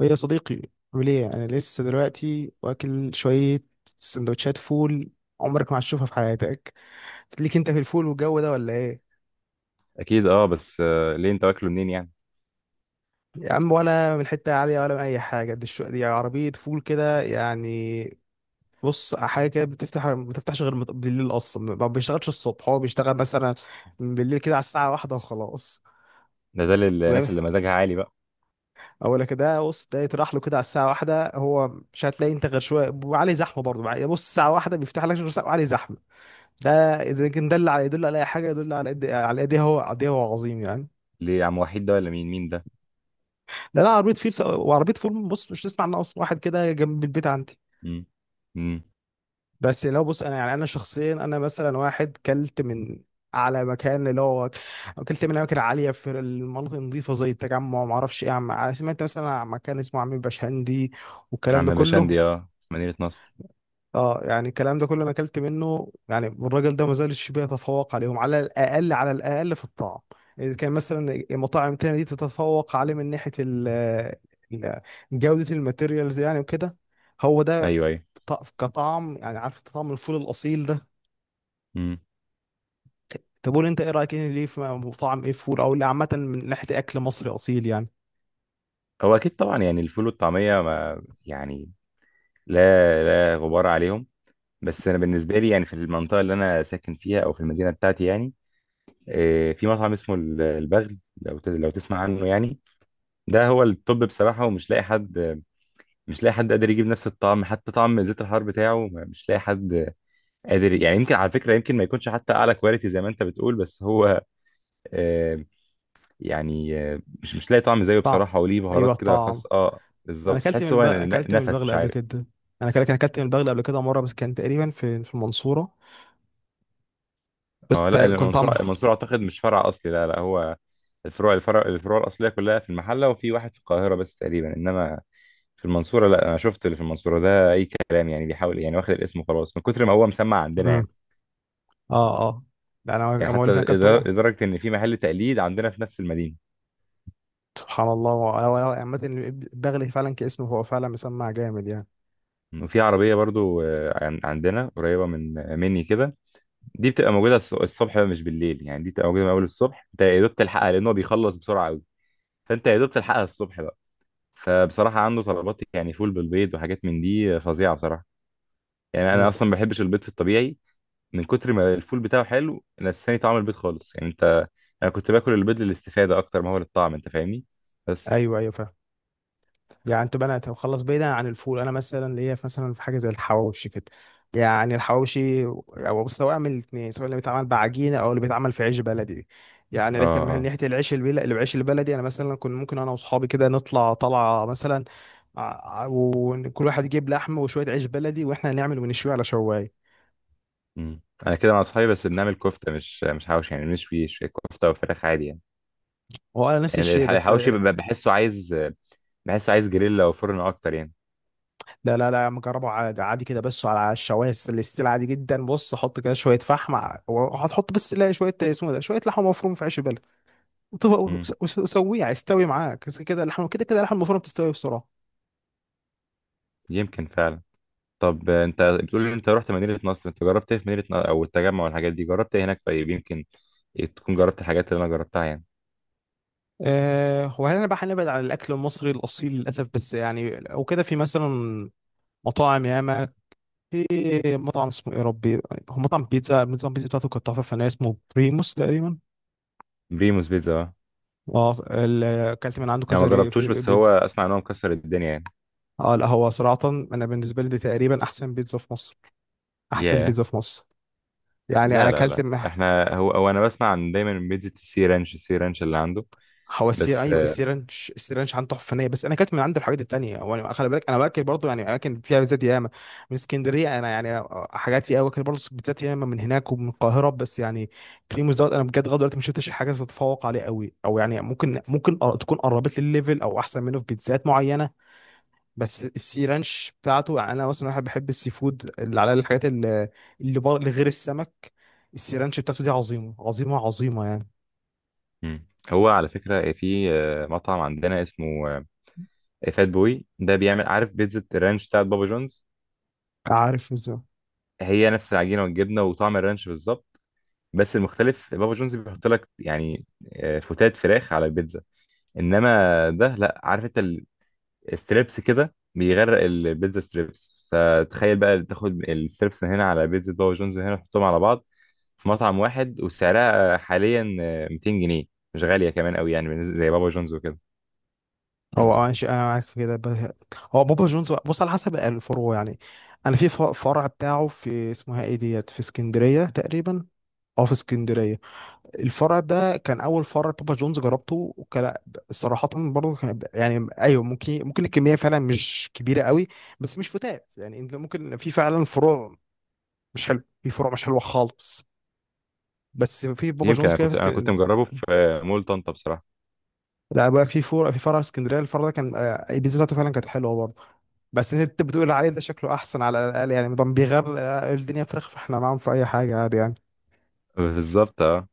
يا صديقي، عامل ايه؟ انا لسه دلوقتي واكل شويه سندوتشات فول. عمرك ما هتشوفها في حياتك. ليك انت في الفول والجو ده ولا ايه؟ اكيد اه بس ليه انت واكله منين يعني. يا عم، ولا من حته عاليه ولا من اي حاجه دي. دي عربيه فول كده يعني. بص حاجه كده بتفتح ما بتفتحش غير بالليل، اصلا ما بيشتغلش الصبح، هو بيشتغل مثلا بالليل كده على الساعه واحدة وخلاص. ده للناس فاهم. اللي مزاجها عالي بقى. اقول لك ده، بص ده يطرح له كده على الساعه واحدة هو. مش هتلاقي انت غير شويه وعليه زحمه برضه بقى. بص الساعه واحدة بيفتح لك غير ساعة وعليه زحمه ده. اذا كان ده اللي على يدل على اي حاجه، يدل على قد، على قد ايه هو، قد ايه هو عظيم يعني. ليه عم وحيد ده، ولا مين ده؟ ده انا عربيه فيل وعربيه فول، بص مش تسمع عنها اصلا، واحد كده جنب البيت عندي. امم امم بس لو بص، انا يعني انا شخصيا، انا مثلا واحد كلت من على مكان اللي هو اكلت من اماكن عاليه في المناطق النظيفه زي التجمع وما اعرفش ايه، سمعت مثلا عن مكان اسمه عم بشهندي والكلام ده عم كله. بشندي، اه مدينة نصر. اه، يعني الكلام ده كله انا اكلت منه، يعني الراجل ده ما زالش بيتفوق عليهم، على الاقل على الاقل في الطعم. اذا كان مثلا مطاعم تانية دي تتفوق عليه من ناحيه ال- جوده الماتيريالز يعني وكده. هو ده ايوه ايوه. كطعم، يعني عارف أنت طعم الفول الاصيل ده. امم طب قول انت ايه رايك، ايه ليه في طعم ايه فول او اللي عامه من ناحيه اكل مصري اصيل يعني. هو اكيد طبعا يعني الفول والطعمية ما يعني، لا لا غبار عليهم. بس انا بالنسبة لي يعني في المنطقة اللي انا ساكن فيها او في المدينة بتاعتي يعني في مطعم اسمه البغل، لو لو تسمع عنه يعني. ده هو التوب بصراحة، ومش لاقي حد مش لاقي حد قادر يجيب نفس الطعم، حتى طعم زيت الحار بتاعه مش لاقي حد قادر. يعني يمكن على فكرة، يمكن ما يكونش حتى أعلى كواليتي زي ما أنت بتقول، بس هو آه، يعني مش لاقي طعم زيه طعم بصراحة، وليه ايوه، بهارات كده الطعم. خاصة، اه انا بالظبط. اكلت من تحس هو اكلت من نفس، البغل مش قبل عارف. كده. انا كده كان اكلت من البغل قبل كده مره، بس كان تقريبا في المنصوره. بس اه، لا كان المنصورة، طعمه. المنصورة أعتقد مش فرع أصلي. لا لا، هو الفروع الفروع الأصلية كلها في المحلة وفي واحد في القاهرة بس تقريبا. إنما في المنصورة، لا، أنا شفت اللي في المنصورة ده أي كلام يعني، بيحاول يعني، واخد الاسم وخلاص من كتر ما هو مسمع عندنا امم، يعني. اه، اه. ده انا يعني بقول حتى لك انا اكلت أم- لدرجة إن في محل تقليد عندنا في نفس المدينة. سبحان الله، هو عامة البغل فعلا كاسمه، هو فعلا مسمع جامد يعني. وفي عربية برضو، عندنا قريبة من مني كده. دي بتبقى موجودة الصبح مش بالليل يعني، دي بتبقى موجودة من أول الصبح. أنت يا دوب تلحقها لأن هو بيخلص بسرعة أوي، فأنت يا دوب تلحقها الصبح بقى. فبصراحة عنده طلبات يعني فول بالبيض وحاجات من دي فظيعة بصراحة. يعني مم. أنا أصلا ما بحبش البيض في الطبيعي، من كتر ما الفول بتاعه حلو نساني طعم البيض خالص يعني. أنت، أنا كنت باكل البيض للاستفادة أكتر ما هو للطعم، أنت فاهمني. بس ايوه، ايوه، فاهم. يعني انت بقى خلص بعيدا عن الفول، انا مثلا ليا مثلا في حاجه زي الحواوشي كده، يعني الحواوشي او سواء من الاثنين، سواء اللي بيتعمل بعجينه او اللي بيتعمل في عيش بلدي. آه يعني لكن آه من آه. ناحيه العيش البلدي، العيش البلدي انا مثلا كنت ممكن انا واصحابي كده نطلع طلعه مثلا، ع- وكل واحد يجيب لحم وشويه عيش بلدي واحنا نعمل ونشويه على شوايه. مم. أنا كده مع أصحابي بس بنعمل كفتة، مش حواوشي يعني، بنشوي شوية كفتة وفراخ عادي يعني. هو انا نفس يعني الشيء، بس الحواوشي، لا، بحسه عايز جريلا وفرن اكتر يعني. لا، لا، لا مجربه عادي، عادي كده. بس على الشوايه الاستيل عادي جدا، بص حط كده شويه فحم وهتحط، بس لا شويه اسمه ده، شويه لحمه مفرومه في عيش البلد وتف- امم وسويها يستوي معاك. بس كده اللحمه، كده كده اللحمه المفرومه بتستوي بسرعه. يمكن فعلا. طب انت بتقول لي انت رحت مدينة نصر، انت جربت ايه في مدينة نصر او التجمع والحاجات دي، جربت ايه هناك؟ طيب يمكن تكون جربت الحاجات اللي انا جربتها يعني. أه، وهل انا بقى هنبعد عن الاكل المصري الاصيل للاسف؟ بس يعني لو كده في مثلا مطاعم ياما. في مطعم اسمه ايه يا ربي، هو مطعم بيتزا، نظام البيتزا بتاعته كانت تحفه فنيه، اسمه بريموس تقريبا. بريموس بيتزا، اه. اه، اكلت من عنده انا ما كذا جربتوش، في بس هو بيتزا. اسمع ان هو مكسر الدنيا يعني. اه، لا، هو صراحة انا بالنسبة لي دي تقريبا احسن بيتزا في مصر، احسن ياه. بيتزا في مصر. يعني انا لا لا اكلت لا م- احنا، هو انا بسمع عن دايما من بيتزا السي رانش، السي رانش اللي عنده. هو بس ايوه السيرانش السيرانش عنده تحفة فنية. بس انا اكلت من عنده الحاجات التانية، وانا خلي بالك انا باكل برضه يعني اماكن فيها بيتزات ياما، من اسكندرية انا يعني حاجاتي قوي، باكل برضه بيتزات ياما من هناك ومن القاهرة. بس يعني بريموس دوت، انا بجد لغاية دلوقتي ما شفتش حاجة تتفوق عليه قوي، او يعني ممكن تكون قربت لي الليفل او احسن منه في بيتزات معينة. بس السي رانش بتاعته، يعني انا مثلا واحد بحب السي فود، اللي على الحاجات اللي غير السمك. السي رانش بتاعته دي عظيمه، عظيمه، عظيمه يعني. مم. هو على فكرة في مطعم عندنا اسمه فات بوي، ده بيعمل عارف بيتزا الرانش بتاعت بابا جونز. عارف ازاي. هي نفس العجينه والجبنه وطعم الرانش بالظبط، بس المختلف بابا جونز بيحط لك يعني فتات فراخ على البيتزا. انما ده، لا عارف انت الستريبس كده بيغرق البيتزا ستريبس، فتخيل بقى تاخد الستريبس هنا على بيتزا بابا جونز هنا تحطهم على بعض في مطعم واحد. وسعرها حاليا 200 جنيه، مش غاليه كمان قوي يعني بالنسبة- زي بابا جونز وكده. هو اه، ماشي، انا معاك في كده. هو بابا جونز، بص على حسب الفروع يعني. انا في فرع بتاعه في اسمها ايه ديت، في اسكندريه تقريبا، اه في اسكندريه. الفرع ده كان اول فرع بابا جونز جربته، وكان صراحه برضه كان، يعني ايوه ممكن، الكميه فعلا مش كبيره قوي، بس مش فتات يعني. انت ممكن في فعلا فروع مش حلو، في فروع مش حلوه خالص، بس في بابا يمكن جونز انا كده في كنت انا كنت اسكندريه. مجربه في مول طنطا بصراحه. لا بقى في فرع، في اسكندريه. الفرع ده كان بيزرعته فعلا كانت حلوه برضه. بس انت بتقول عليه ده شكله احسن، على الاقل يعني مدام بيغير الدنيا فراخ، فاحنا معاهم في اي حاجه عادي يعني. بالظبط، اه.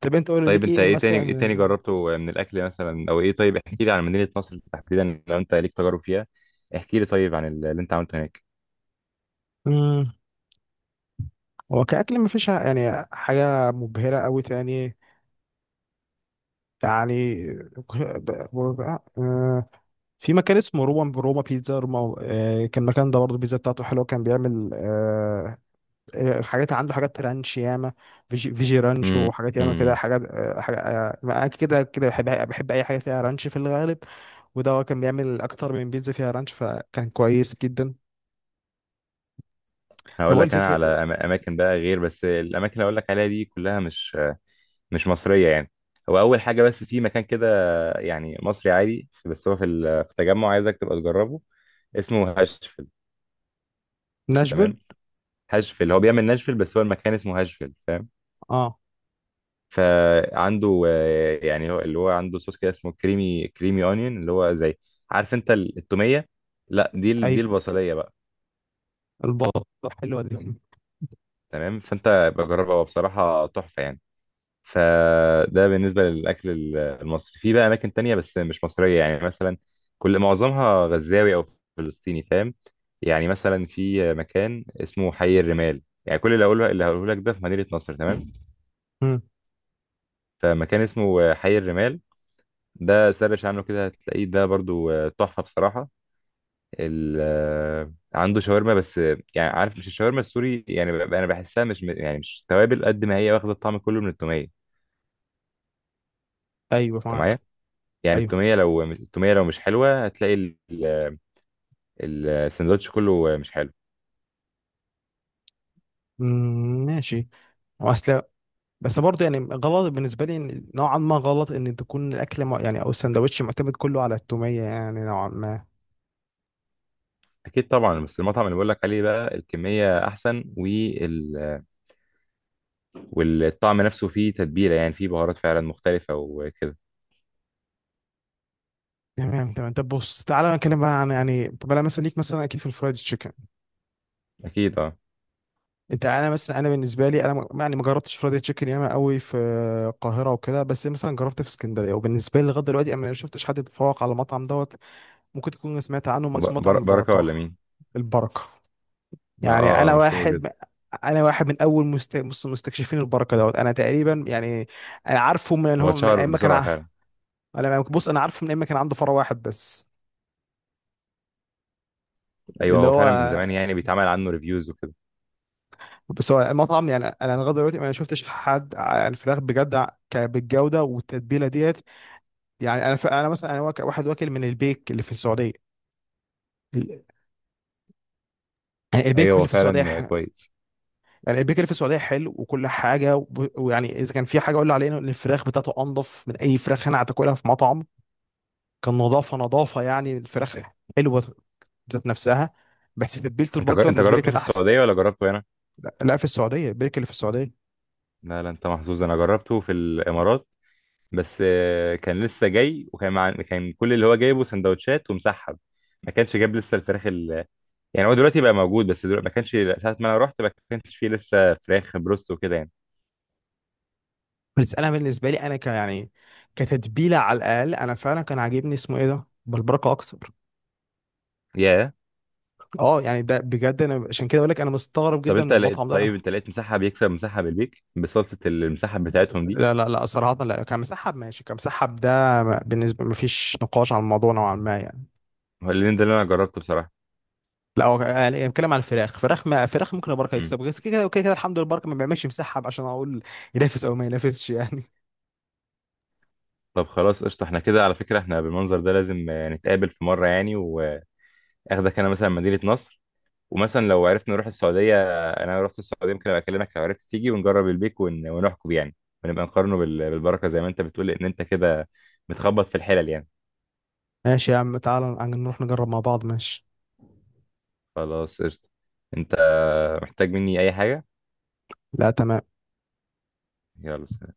طب انت قول لي طيب ليك انت ايه ايه تاني، ايه تاني مثلا. جربته من الاكل مثلا، او ايه؟ طيب احكي لي عن مدينة نصر تحديدا لو انت ليك تجارب فيها، احكي لي طيب عن اللي انت عملته هناك. مم. هو كأكل مفيش يعني حاجة مبهرة أوي تاني يعني. ب- ب- آه، في مكان اسمه روما، بيتزا روما. كان المكان ده برضه البيتزا بتاعته حلوة. كان بيعمل حاجات، عنده حاجات رانش ياما، فيجي رانش، امم وحاجات ياما كده امم حاجات. آه، حاجة آه، أنا كده، كده بحب، بحب أي حاجة فيها رانش في الغالب. وده هو كان بيعمل أكتر من بيتزا فيها رانش، فكان كويس جدا. أنا هقول بقول لك لك انا على اماكن بقى، غير بس الاماكن اللي هقول لك عليها دي كلها مش مصرية يعني. هو اول حاجة، بس في مكان كده يعني مصري عادي، بس هو في في التجمع عايزك تبقى تجربه، اسمه هاشفيل. ناشفيل. تمام. هاشفيل هو بيعمل ناشفيل، بس هو المكان اسمه هاشفيل فاهم. اه، فعنده يعني هو اللي هو عنده صوص كده اسمه كريمي كريمي اونيون، اللي هو زي، عارف انت التوميه. لا، دي أيوه، البصليه بقى. البطة حلوة دي. تمام، فانت بجربها، هو بصراحه تحفه يعني. فده بالنسبه للاكل المصري. في بقى اماكن تانية بس مش مصريه يعني، مثلا، كل معظمها غزاوي او فلسطيني فاهم. يعني مثلا في مكان اسمه حي الرمال، يعني كل اللي هقوله، اللي هقوله لك ده في مدينه نصر تمام. مم. فمكان اسمه حي الرمال، ده سرش عنه كده هتلاقيه، ده برضو تحفة بصراحة. ال آه، عنده شاورما، بس يعني عارف، مش الشاورما السوري يعني، انا بحسها مش يعني مش توابل قد ما هي واخدة الطعم كله من التومية. أيوه، انت معايا؟ معاك. يعني أيوه. التومية، لو التومية لو مش حلوة هتلاقي السندوتش كله مش حلو. مم، ماشي، واصل. بس برضه يعني غلط بالنسبه لي، نوعا ما غلط ان تكون الاكل يعني او السندوتش معتمد كله على التوميه يعني نوعا ما. اكيد طبعا بس المطعم اللي بقول لك عليه بقى الكمية احسن وال والطعم نفسه فيه تتبيلة يعني فيه بهارات فعلا مختلفة وكده تمام، تمام. طب بص تعالى نتكلم بقى عن، يعني طب انا مثلا ليك مثلا اكيد في الفرايد تشيكن. اكيد اه. انت انا مثلا انا بالنسبه لي انا يعني ما جربتش فرايد تشيكن ياما قوي في القاهره وكده. بس مثلا جربت في اسكندريه، وبالنسبه لي لغايه دلوقتي انا ما شفتش حد يتفوق على المطعم دوت. ممكن تكون سمعت عنه، اسمه مطعم بركة البركه. ولا مين؟ البركه. ما يعني مشهور جدا. انا واحد من اول مستكشفين البركه دوت انا تقريبا، يعني انا عارفه من ان هو هو من اتشهر ايام ما كان بسرعة ع- فعلا. انا بص انا عارفه من ايام ما كان عنده فرع واحد بس، ايوه اللي هو هو. فعلا من زمان يعني بيتعمل عنه ريفيوز وكده. بس هو المطعم، يعني انا لغايه دلوقتي ما شفتش حد الفراخ بجد بالجوده والتتبيله ديت. يعني انا انا مثلا واك- واحد واكل من البيك اللي في السعوديه، ال- البيك ايوه هو اللي في السعوديه فعلا ح... كويس. يعني البيك اللي في السعوديه حلو وكل حاجه. ويعني اذا كان في حاجه اقول عليها، ان الفراخ بتاعته انضف من اي فراخ انا هتاكلها في مطعم. كان نظافه، نظافه يعني، الفراخ حلوه ذات نفسها. بس تتبيله البركه انت بالنسبه لي جربته كانت في احسن. السعودية ولا جربته هنا؟ لا، لا، في السعوديه، البركه اللي في السعوديه. لا لا، انت محظوظ، انا جربته في الامارات. بس كان لسه جاي، وكان مع... كان كل اللي هو جايبه سندوتشات ومسحب، ما كانش جاب لسه يعني. هو دلوقتي بقى موجود، بس دلوقتي ما كانش، ساعة ما انا رحت ما كانش فيه لسه فراخ بروست وكده يعني. بس انا بالنسبه لي انا يعني كتتبيله على الاقل، انا فعلا كان عاجبني اسمه ايه ده بالبركه اكتر. ياه. اه، يعني ده بجد انا عشان كده اقول لك انا مستغرب طب جدا من انت لقيت المطعم طيب ده. انت لقيت مسحب يكسب مسحب البيك، بصلصة المسحب بتاعتهم دي؟ لا، لا، لا، صراحه لا، كمسحب ماشي، كمسحب ده بالنسبه مفيش نقاش على الموضوع نوعا ما يعني. هو اللي ده اللي انا جربته بصراحة. لا هو إيه، بيتكلم على الفراخ. فراخ ما فراخ ممكن البركه يكسب، بس كده كده كده كده الحمد لله البركه ما بيعملش مسحب عشان اقول ينافس او ما ينافسش يعني. طب خلاص قشطة، احنا كده على فكرة احنا بالمنظر ده لازم نتقابل في مرة يعني، واخدك انا مثلا مدينة نصر، ومثلا لو عرفت نروح السعودية. انا لو رحت السعودية ممكن ابقى اكلمك، لو عرفت تيجي ونجرب البيك ونحكم يعني، ونبقى نقارنه بالبركة زي ما انت بتقول، ان انت كده بتخبط في الحلل يعني. ماشي يا عم، تعال نروح نجرب مع بعض، ماشي. خلاص قشطة، انت محتاج مني اي حاجة؟ لا، تمام. يلا سلام.